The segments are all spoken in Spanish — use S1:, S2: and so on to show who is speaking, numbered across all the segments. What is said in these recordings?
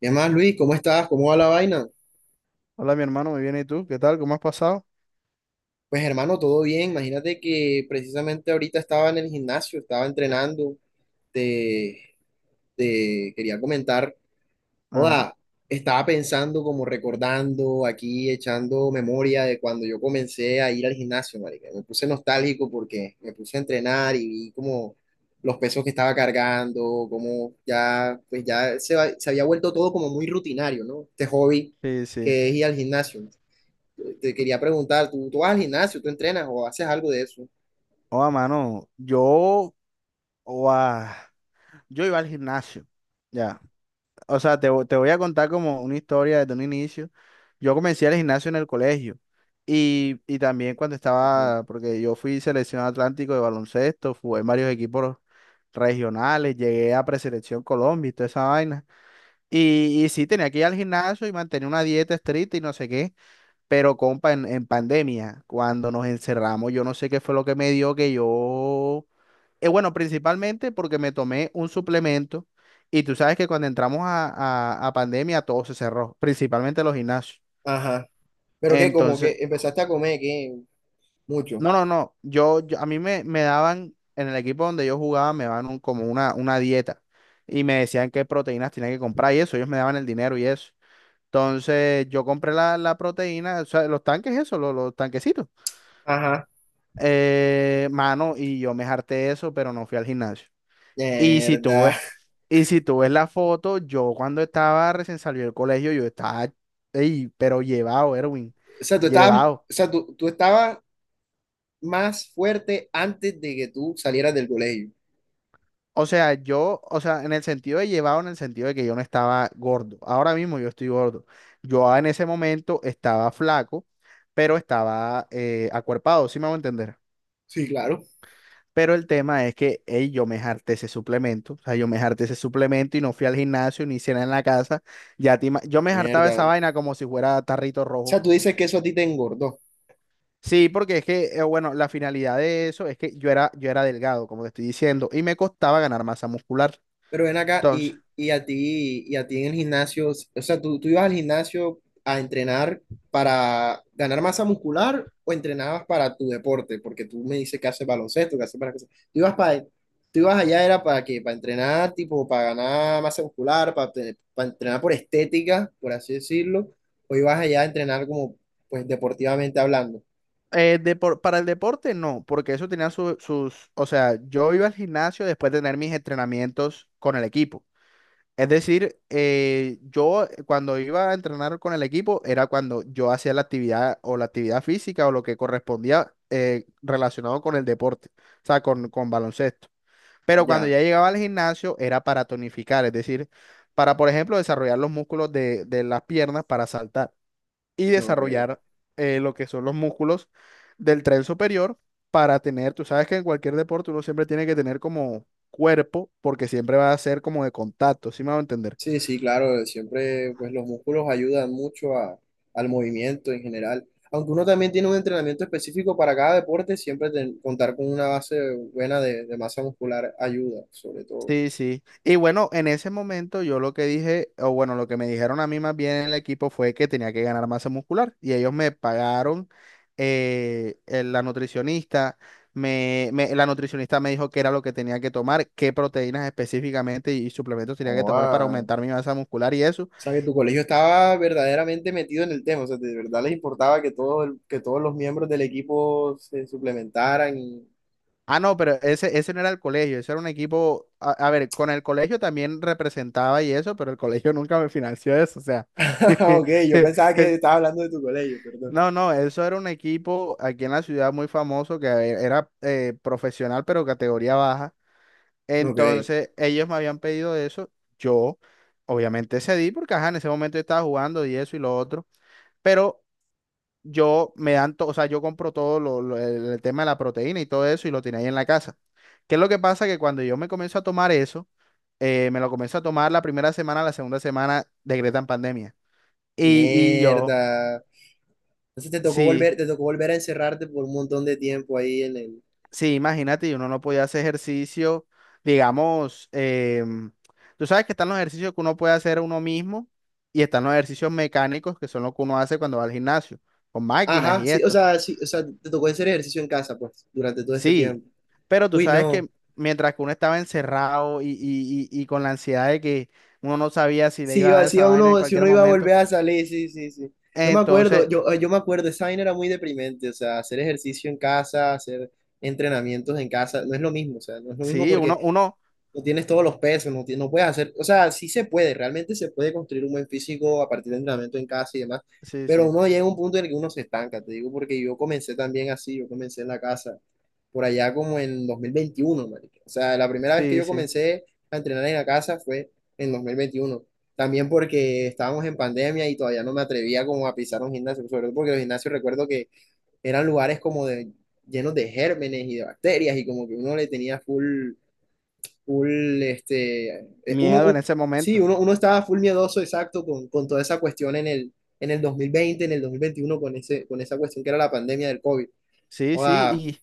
S1: ¿Qué más, Luis? ¿Cómo estás? ¿Cómo va la vaina?
S2: Hola, mi hermano, muy bien. ¿Y tú? ¿Qué tal? ¿Cómo has pasado?
S1: Pues hermano, todo bien. Imagínate que precisamente ahorita estaba en el gimnasio, estaba entrenando. Te, te quería comentar,
S2: Ajá.
S1: sea, estaba pensando, como recordando, aquí echando memoria de cuando yo comencé a ir al gimnasio, marica. Me puse nostálgico porque me puse a entrenar y vi como los pesos que estaba cargando, como ya, pues ya se había vuelto todo como muy rutinario, ¿no? Este hobby
S2: Sí, sí.
S1: que es ir al gimnasio. Te quería preguntar, ¿tú vas al gimnasio, tú entrenas o haces algo de eso?
S2: Oa, mano, yo, oa, yo iba al gimnasio. Ya. O sea, te voy a contar como una historia desde un inicio. Yo comencé al gimnasio en el colegio. Y también cuando
S1: Ujú.
S2: estaba, porque yo fui selección Atlántico de baloncesto, jugué en varios equipos regionales, llegué a preselección Colombia y toda esa vaina. Y sí, tenía que ir al gimnasio y mantener una dieta estricta y no sé qué. Pero, compa, en pandemia, cuando nos encerramos, yo no sé qué fue lo que me dio que yo... Bueno, principalmente porque me tomé un suplemento y tú sabes que cuando entramos a, a pandemia todo se cerró, principalmente los gimnasios.
S1: Ajá. Pero que como
S2: Entonces,
S1: que empezaste a comer, que mucho.
S2: no, no, no, yo- a mí me daban, en el equipo donde yo jugaba, me daban como una dieta y me decían qué proteínas tenía que comprar y eso, ellos me daban el dinero y eso. Entonces, yo compré la proteína, o sea, los tanques, eso, los tanquecitos.
S1: Ajá.
S2: Mano, y yo me harté de eso, pero no fui al gimnasio. Y si tú
S1: Mierda.
S2: ves, y si tú ves la foto, yo cuando estaba recién salido del colegio, yo estaba, ey, pero llevado, Erwin,
S1: O sea, tú estabas, o
S2: llevado.
S1: sea, tú estabas más fuerte antes de que tú salieras del colegio.
S2: O sea, yo, o sea, en el sentido de llevado, en el sentido de que yo no estaba gordo. Ahora mismo yo estoy gordo. Yo en ese momento estaba flaco, pero estaba acuerpado, ¿sí me hago entender?
S1: Sí, claro.
S2: Pero el tema es que ey, yo me harté ese suplemento. O sea, yo me harté ese suplemento y no fui al gimnasio ni cena en la casa. Yo me hartaba
S1: Mierda.
S2: esa
S1: O
S2: vaina como si fuera tarrito
S1: sea,
S2: rojo.
S1: tú dices que eso a ti te engordó.
S2: Sí, porque es que, bueno, la finalidad de eso es que yo era delgado, como te estoy diciendo, y me costaba ganar masa muscular.
S1: Pero ven acá
S2: Entonces,
S1: y a ti en el gimnasio, o sea, ¿tú ibas al gimnasio a entrenar para ganar masa muscular o entrenabas para tu deporte? Porque tú me dices que haces baloncesto, que haces para cosas. ¿Tú ibas allá era para qué? Para entrenar, tipo, para ganar masa muscular, para entrenar por estética, por así decirlo, o ibas allá a entrenar como, pues, deportivamente hablando.
S2: para el deporte no, porque eso tenía sus, o sea, yo iba al gimnasio después de tener mis entrenamientos con el equipo. Es decir, yo cuando iba a entrenar con el equipo era cuando yo hacía la actividad o la actividad física o lo que correspondía relacionado con el deporte, o sea, con baloncesto. Pero cuando
S1: Ya,
S2: ya llegaba al gimnasio era para tonificar, es decir, para, por ejemplo, desarrollar los músculos de las piernas para saltar y
S1: no, ok.
S2: desarrollar lo que son los músculos del tren superior para tener, tú sabes que en cualquier deporte uno siempre tiene que tener como cuerpo porque siempre va a ser como de contacto, ¿sí me va a entender?
S1: Sí, sí, claro, siempre pues los músculos ayudan mucho al movimiento en general. Aunque uno también tiene un entrenamiento específico para cada deporte, siempre contar con una base buena de masa muscular ayuda, sobre todo.
S2: Sí, sí. Y bueno, en ese momento yo lo que dije, o bueno, lo que me dijeron a mí más bien en el equipo fue que tenía que ganar masa muscular y ellos me pagaron, la nutricionista, la nutricionista me dijo qué era lo que tenía que tomar, qué proteínas específicamente y, suplementos tenía que
S1: Oh,
S2: tomar para
S1: ah.
S2: aumentar mi masa muscular y eso.
S1: O sea, que tu colegio estaba verdaderamente metido en el tema, o sea, de verdad les importaba que, que todos los miembros del equipo se suplementaran.
S2: Ah, no, pero ese no era el colegio, ese era un equipo, a ver, con el colegio también representaba y eso, pero el colegio nunca me financió eso, o sea.
S1: Ok, yo pensaba que estaba hablando de tu colegio, perdón.
S2: No, no, eso era un equipo aquí en la ciudad muy famoso que era profesional pero categoría baja.
S1: Ok,
S2: Entonces ellos me habían pedido eso. Yo obviamente cedí porque ajá, en ese momento yo estaba jugando y eso y lo otro. Pero yo me dan, to- o sea, yo compro todo el tema de la proteína y todo eso y lo tenía ahí en la casa. ¿Qué es lo que pasa? Que cuando yo me comienzo a tomar eso, me lo comienzo a tomar la primera semana, la segunda semana decretan pandemia. Y yo,
S1: mierda. Entonces te tocó
S2: sí.
S1: volver, te tocó volver a encerrarte por un montón de tiempo ahí en el...
S2: Sí, imagínate, y uno no podía hacer ejercicio, digamos, tú sabes que están los ejercicios que uno puede hacer uno mismo y están los ejercicios mecánicos que son los que uno hace cuando va al gimnasio, con máquinas
S1: Ajá,
S2: y esto.
S1: sí, o sea, te tocó hacer ejercicio en casa, pues, durante todo ese
S2: Sí,
S1: tiempo.
S2: pero tú
S1: Uy,
S2: sabes
S1: no.
S2: que mientras que uno estaba encerrado y con la ansiedad de que uno no sabía si le iba a dar
S1: Sí,
S2: esa
S1: iba
S2: vaina en
S1: uno, si
S2: cualquier
S1: uno iba a volver
S2: momento,
S1: a salir, sí, sí, sí. Yo me acuerdo,
S2: entonces,
S1: esa vaina era muy deprimente, o sea, hacer ejercicio en casa, hacer entrenamientos en casa, no es lo mismo, o sea, no es lo mismo
S2: sí,
S1: porque
S2: uno,
S1: no tienes todos los pesos, no, no puedes hacer, o sea, sí se puede, realmente se puede construir un buen físico a partir de entrenamiento en casa y demás,
S2: sí,
S1: pero
S2: sí,
S1: uno llega a un punto en el que uno se estanca, te digo, porque yo comencé también así, yo comencé en la casa, por allá como en 2021, marica. O sea, la primera vez que
S2: sí,
S1: yo
S2: sí,
S1: comencé a entrenar en la casa fue en 2021. También porque estábamos en pandemia y todavía no me atrevía como a pisar un gimnasio, sobre todo porque los gimnasios recuerdo que eran lugares como de, llenos de gérmenes y de bacterias y como que uno le tenía full full, este, uno,
S2: miedo en ese
S1: sí,
S2: momento.
S1: uno estaba full miedoso, exacto, con toda esa cuestión en el 2020, en el 2021 con esa cuestión que era la pandemia del COVID.
S2: Sí, sí.
S1: Joda.
S2: Y,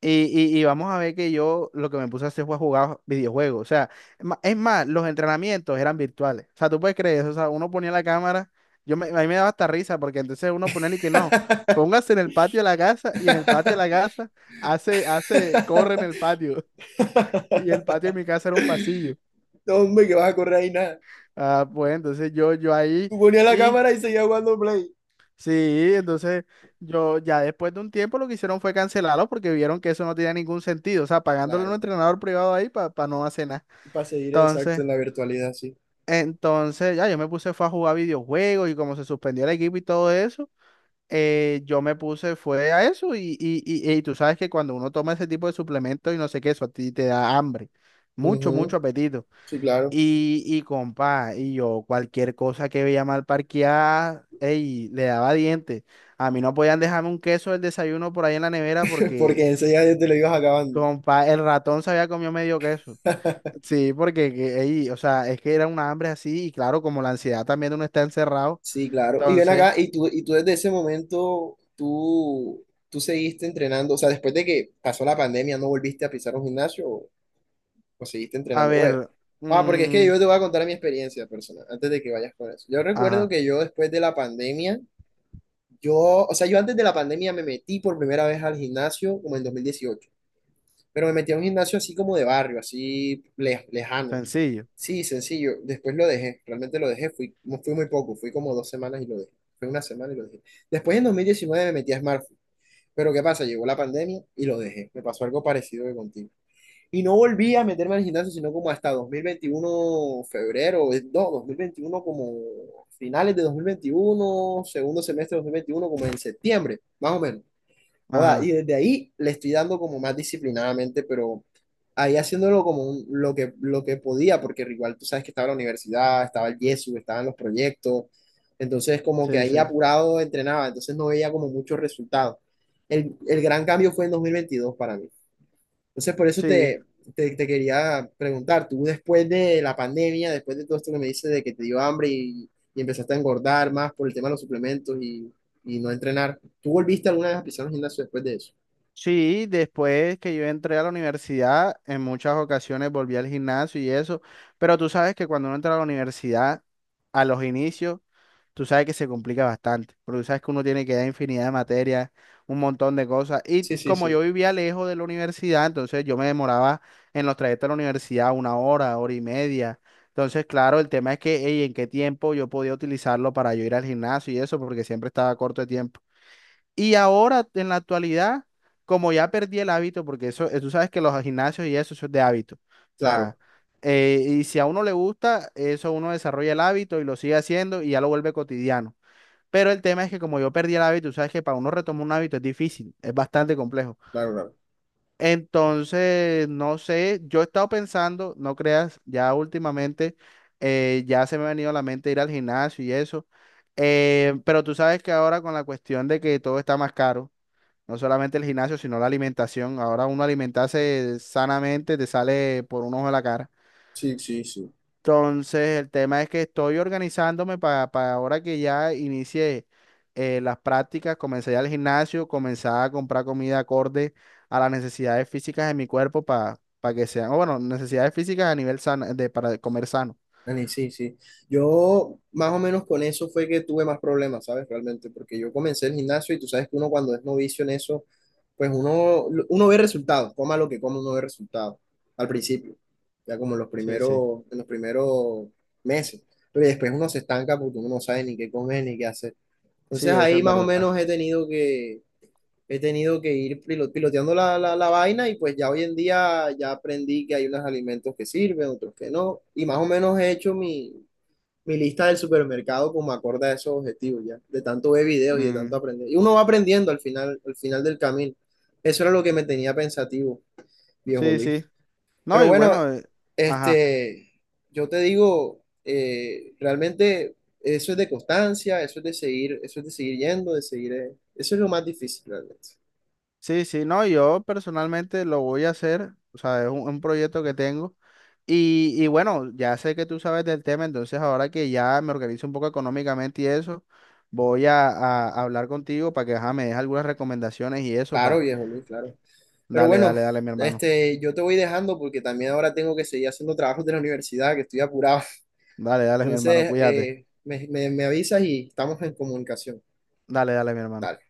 S2: y vamos a ver que yo lo que me puse a hacer fue jugar videojuegos. O sea, es más, los entrenamientos eran virtuales. O sea, tú puedes creer eso. O sea, uno ponía la cámara. A mí me daba hasta risa porque entonces uno ponía y que no. Póngase en el patio de la casa y en el patio de la casa hace, corre en el patio. Y el patio de mi casa era un pasillo.
S1: No, hombre, que vas a correr ahí nada.
S2: Ah, pues entonces yo ahí
S1: Tú ponías la
S2: y
S1: cámara y seguías jugando Play.
S2: sí, entonces yo ya después de un tiempo lo que hicieron fue cancelarlo porque vieron que eso no tenía ningún sentido. O sea, pagándole a un
S1: Claro,
S2: entrenador privado ahí para no hacer nada.
S1: para seguir exacto
S2: Entonces,
S1: en la virtualidad, sí.
S2: entonces, ya yo me puse fue a jugar videojuegos y como se suspendió el equipo y todo eso, yo me puse fue a eso y tú sabes que cuando uno toma ese tipo de suplementos y no sé qué, eso a ti te da hambre, mucho,
S1: Ujú,
S2: mucho apetito.
S1: sí, claro,
S2: Y compa, y yo cualquier cosa que veía mal parqueada, ey, le daba dientes. A mí no podían dejarme un queso del desayuno por ahí en la nevera porque,
S1: porque enseguida ya te lo ibas acabando.
S2: compa, el ratón se había comido medio queso. Sí, porque que ahí, o sea, es que era una hambre así y claro, como la ansiedad también de uno está encerrado,
S1: Sí, claro. Y ven
S2: entonces,
S1: acá, y tú desde ese momento, tú seguiste entrenando, o sea, después de que pasó la pandemia, ¿no volviste a pisar un gimnasio o seguiste
S2: a
S1: entrenando? Oye,
S2: ver,
S1: ah, porque es que
S2: mm,
S1: yo te voy a contar mi experiencia personal, antes de que vayas con eso. Yo recuerdo
S2: ajá,
S1: que yo después de la pandemia, yo, o sea, yo antes de la pandemia me metí por primera vez al gimnasio como en 2018, pero me metí a un gimnasio así como de barrio, así lejano.
S2: sencillo,
S1: Sí, sencillo. Después lo dejé, realmente lo dejé. Fui, no fui muy poco, fui como dos semanas y lo dejé. Fue una semana y lo dejé. Después en 2019 me metí a Smartfood. Pero ¿qué pasa? Llegó la pandemia y lo dejé. Me pasó algo parecido que contigo. Y no volví a meterme al gimnasio, sino como hasta 2021, febrero, no, 2021, como finales de 2021, segundo semestre de 2021, como en septiembre, más o menos. Joda, y
S2: ajá,
S1: desde ahí le estoy dando como más disciplinadamente, pero ahí haciéndolo como lo que, podía, porque igual tú sabes que estaba la universidad, estaba el Yesu, estaban los proyectos, entonces como que
S2: sí,
S1: ahí
S2: sí,
S1: apurado entrenaba, entonces no veía como muchos resultados. El gran cambio fue en 2022 para mí. Entonces por eso
S2: sí,
S1: te quería preguntar, tú después de la pandemia, después de todo esto que me dices de que te dio hambre y empezaste a engordar más por el tema de los suplementos y no entrenar, ¿tú volviste alguna vez a pisar un gimnasio después de eso?
S2: sí, después que yo entré a la universidad, en muchas ocasiones volví al gimnasio y eso, pero tú sabes que cuando uno entra a la universidad, a los inicios, tú sabes que se complica bastante, porque tú sabes que uno tiene que dar infinidad de materias, un montón de cosas. Y
S1: Sí, sí,
S2: como yo
S1: sí.
S2: vivía lejos de la universidad, entonces yo me demoraba en los trayectos a la universidad una hora, hora y media. Entonces, claro, el tema es que, ey, en qué tiempo yo podía utilizarlo para yo ir al gimnasio y eso, porque siempre estaba corto de tiempo. Y ahora, en la actualidad, como ya perdí el hábito, porque eso, tú sabes que los gimnasios y eso es de hábito. O
S1: Claro,
S2: sea, y si a uno le gusta, eso uno desarrolla el hábito y lo sigue haciendo y ya lo vuelve cotidiano. Pero el tema es que como yo perdí el hábito, tú sabes que para uno retomar un hábito es difícil, es bastante complejo.
S1: claro, claro.
S2: Entonces, no sé, yo he estado pensando, no creas, ya últimamente ya se me ha venido a la mente ir al gimnasio y eso. Pero tú sabes que ahora con la cuestión de que todo está más caro, no solamente el gimnasio, sino la alimentación, ahora uno alimentarse sanamente te sale por un ojo de la cara.
S1: Sí, sí, sí.
S2: Entonces, el tema es que estoy organizándome para ahora que ya inicié las prácticas, comencé ya al gimnasio, comenzar a comprar comida acorde a las necesidades físicas de mi cuerpo para que sean, o bueno, necesidades físicas a nivel sano, de, para comer sano.
S1: Dani, sí, sí. Yo más o menos con eso fue que tuve más problemas, ¿sabes? Realmente, porque yo comencé el gimnasio y tú sabes que uno cuando es novicio en eso, pues uno ve resultados, coma lo que coma, uno ve resultados al principio, ya como en los
S2: Sí, sí,
S1: primeros, en los primeros meses. Pero después uno se estanca porque uno no sabe ni qué comer ni qué hacer.
S2: sí,
S1: Entonces
S2: eso
S1: ahí
S2: es
S1: más o
S2: verdad.
S1: menos he tenido que ir piloteando la vaina y pues ya hoy en día ya aprendí que hay unos alimentos que sirven, otros que no. Y más o menos he hecho mi lista del supermercado como acorde a esos objetivos ya, de tanto ver videos y de tanto
S2: Mm,
S1: aprender. Y uno va aprendiendo al final del camino. Eso era lo que me tenía pensativo, viejo
S2: sí,
S1: Luis.
S2: sí. No,
S1: Pero
S2: y
S1: bueno,
S2: bueno, ajá.
S1: este, yo te digo, realmente eso es de constancia, eso es de seguir, eso es de seguir yendo, de seguir, eso es lo más difícil realmente.
S2: Sí, sí, no, yo personalmente lo voy a hacer, o sea, es un proyecto que tengo. Y bueno, ya sé que tú sabes del tema, entonces ahora que ya me organizo un poco económicamente y eso, voy a hablar contigo para que ajá, me des algunas recomendaciones y eso,
S1: Claro,
S2: pa
S1: viejo Luis, claro. Pero
S2: Dale,
S1: bueno,
S2: dale, dale, mi hermano.
S1: este, yo te voy dejando porque también ahora tengo que seguir haciendo trabajos de la universidad, que estoy apurado.
S2: Dale, dale, mi hermano,
S1: Entonces,
S2: cuídate.
S1: me avisas y estamos en comunicación.
S2: Dale, dale, mi hermano.
S1: Dale.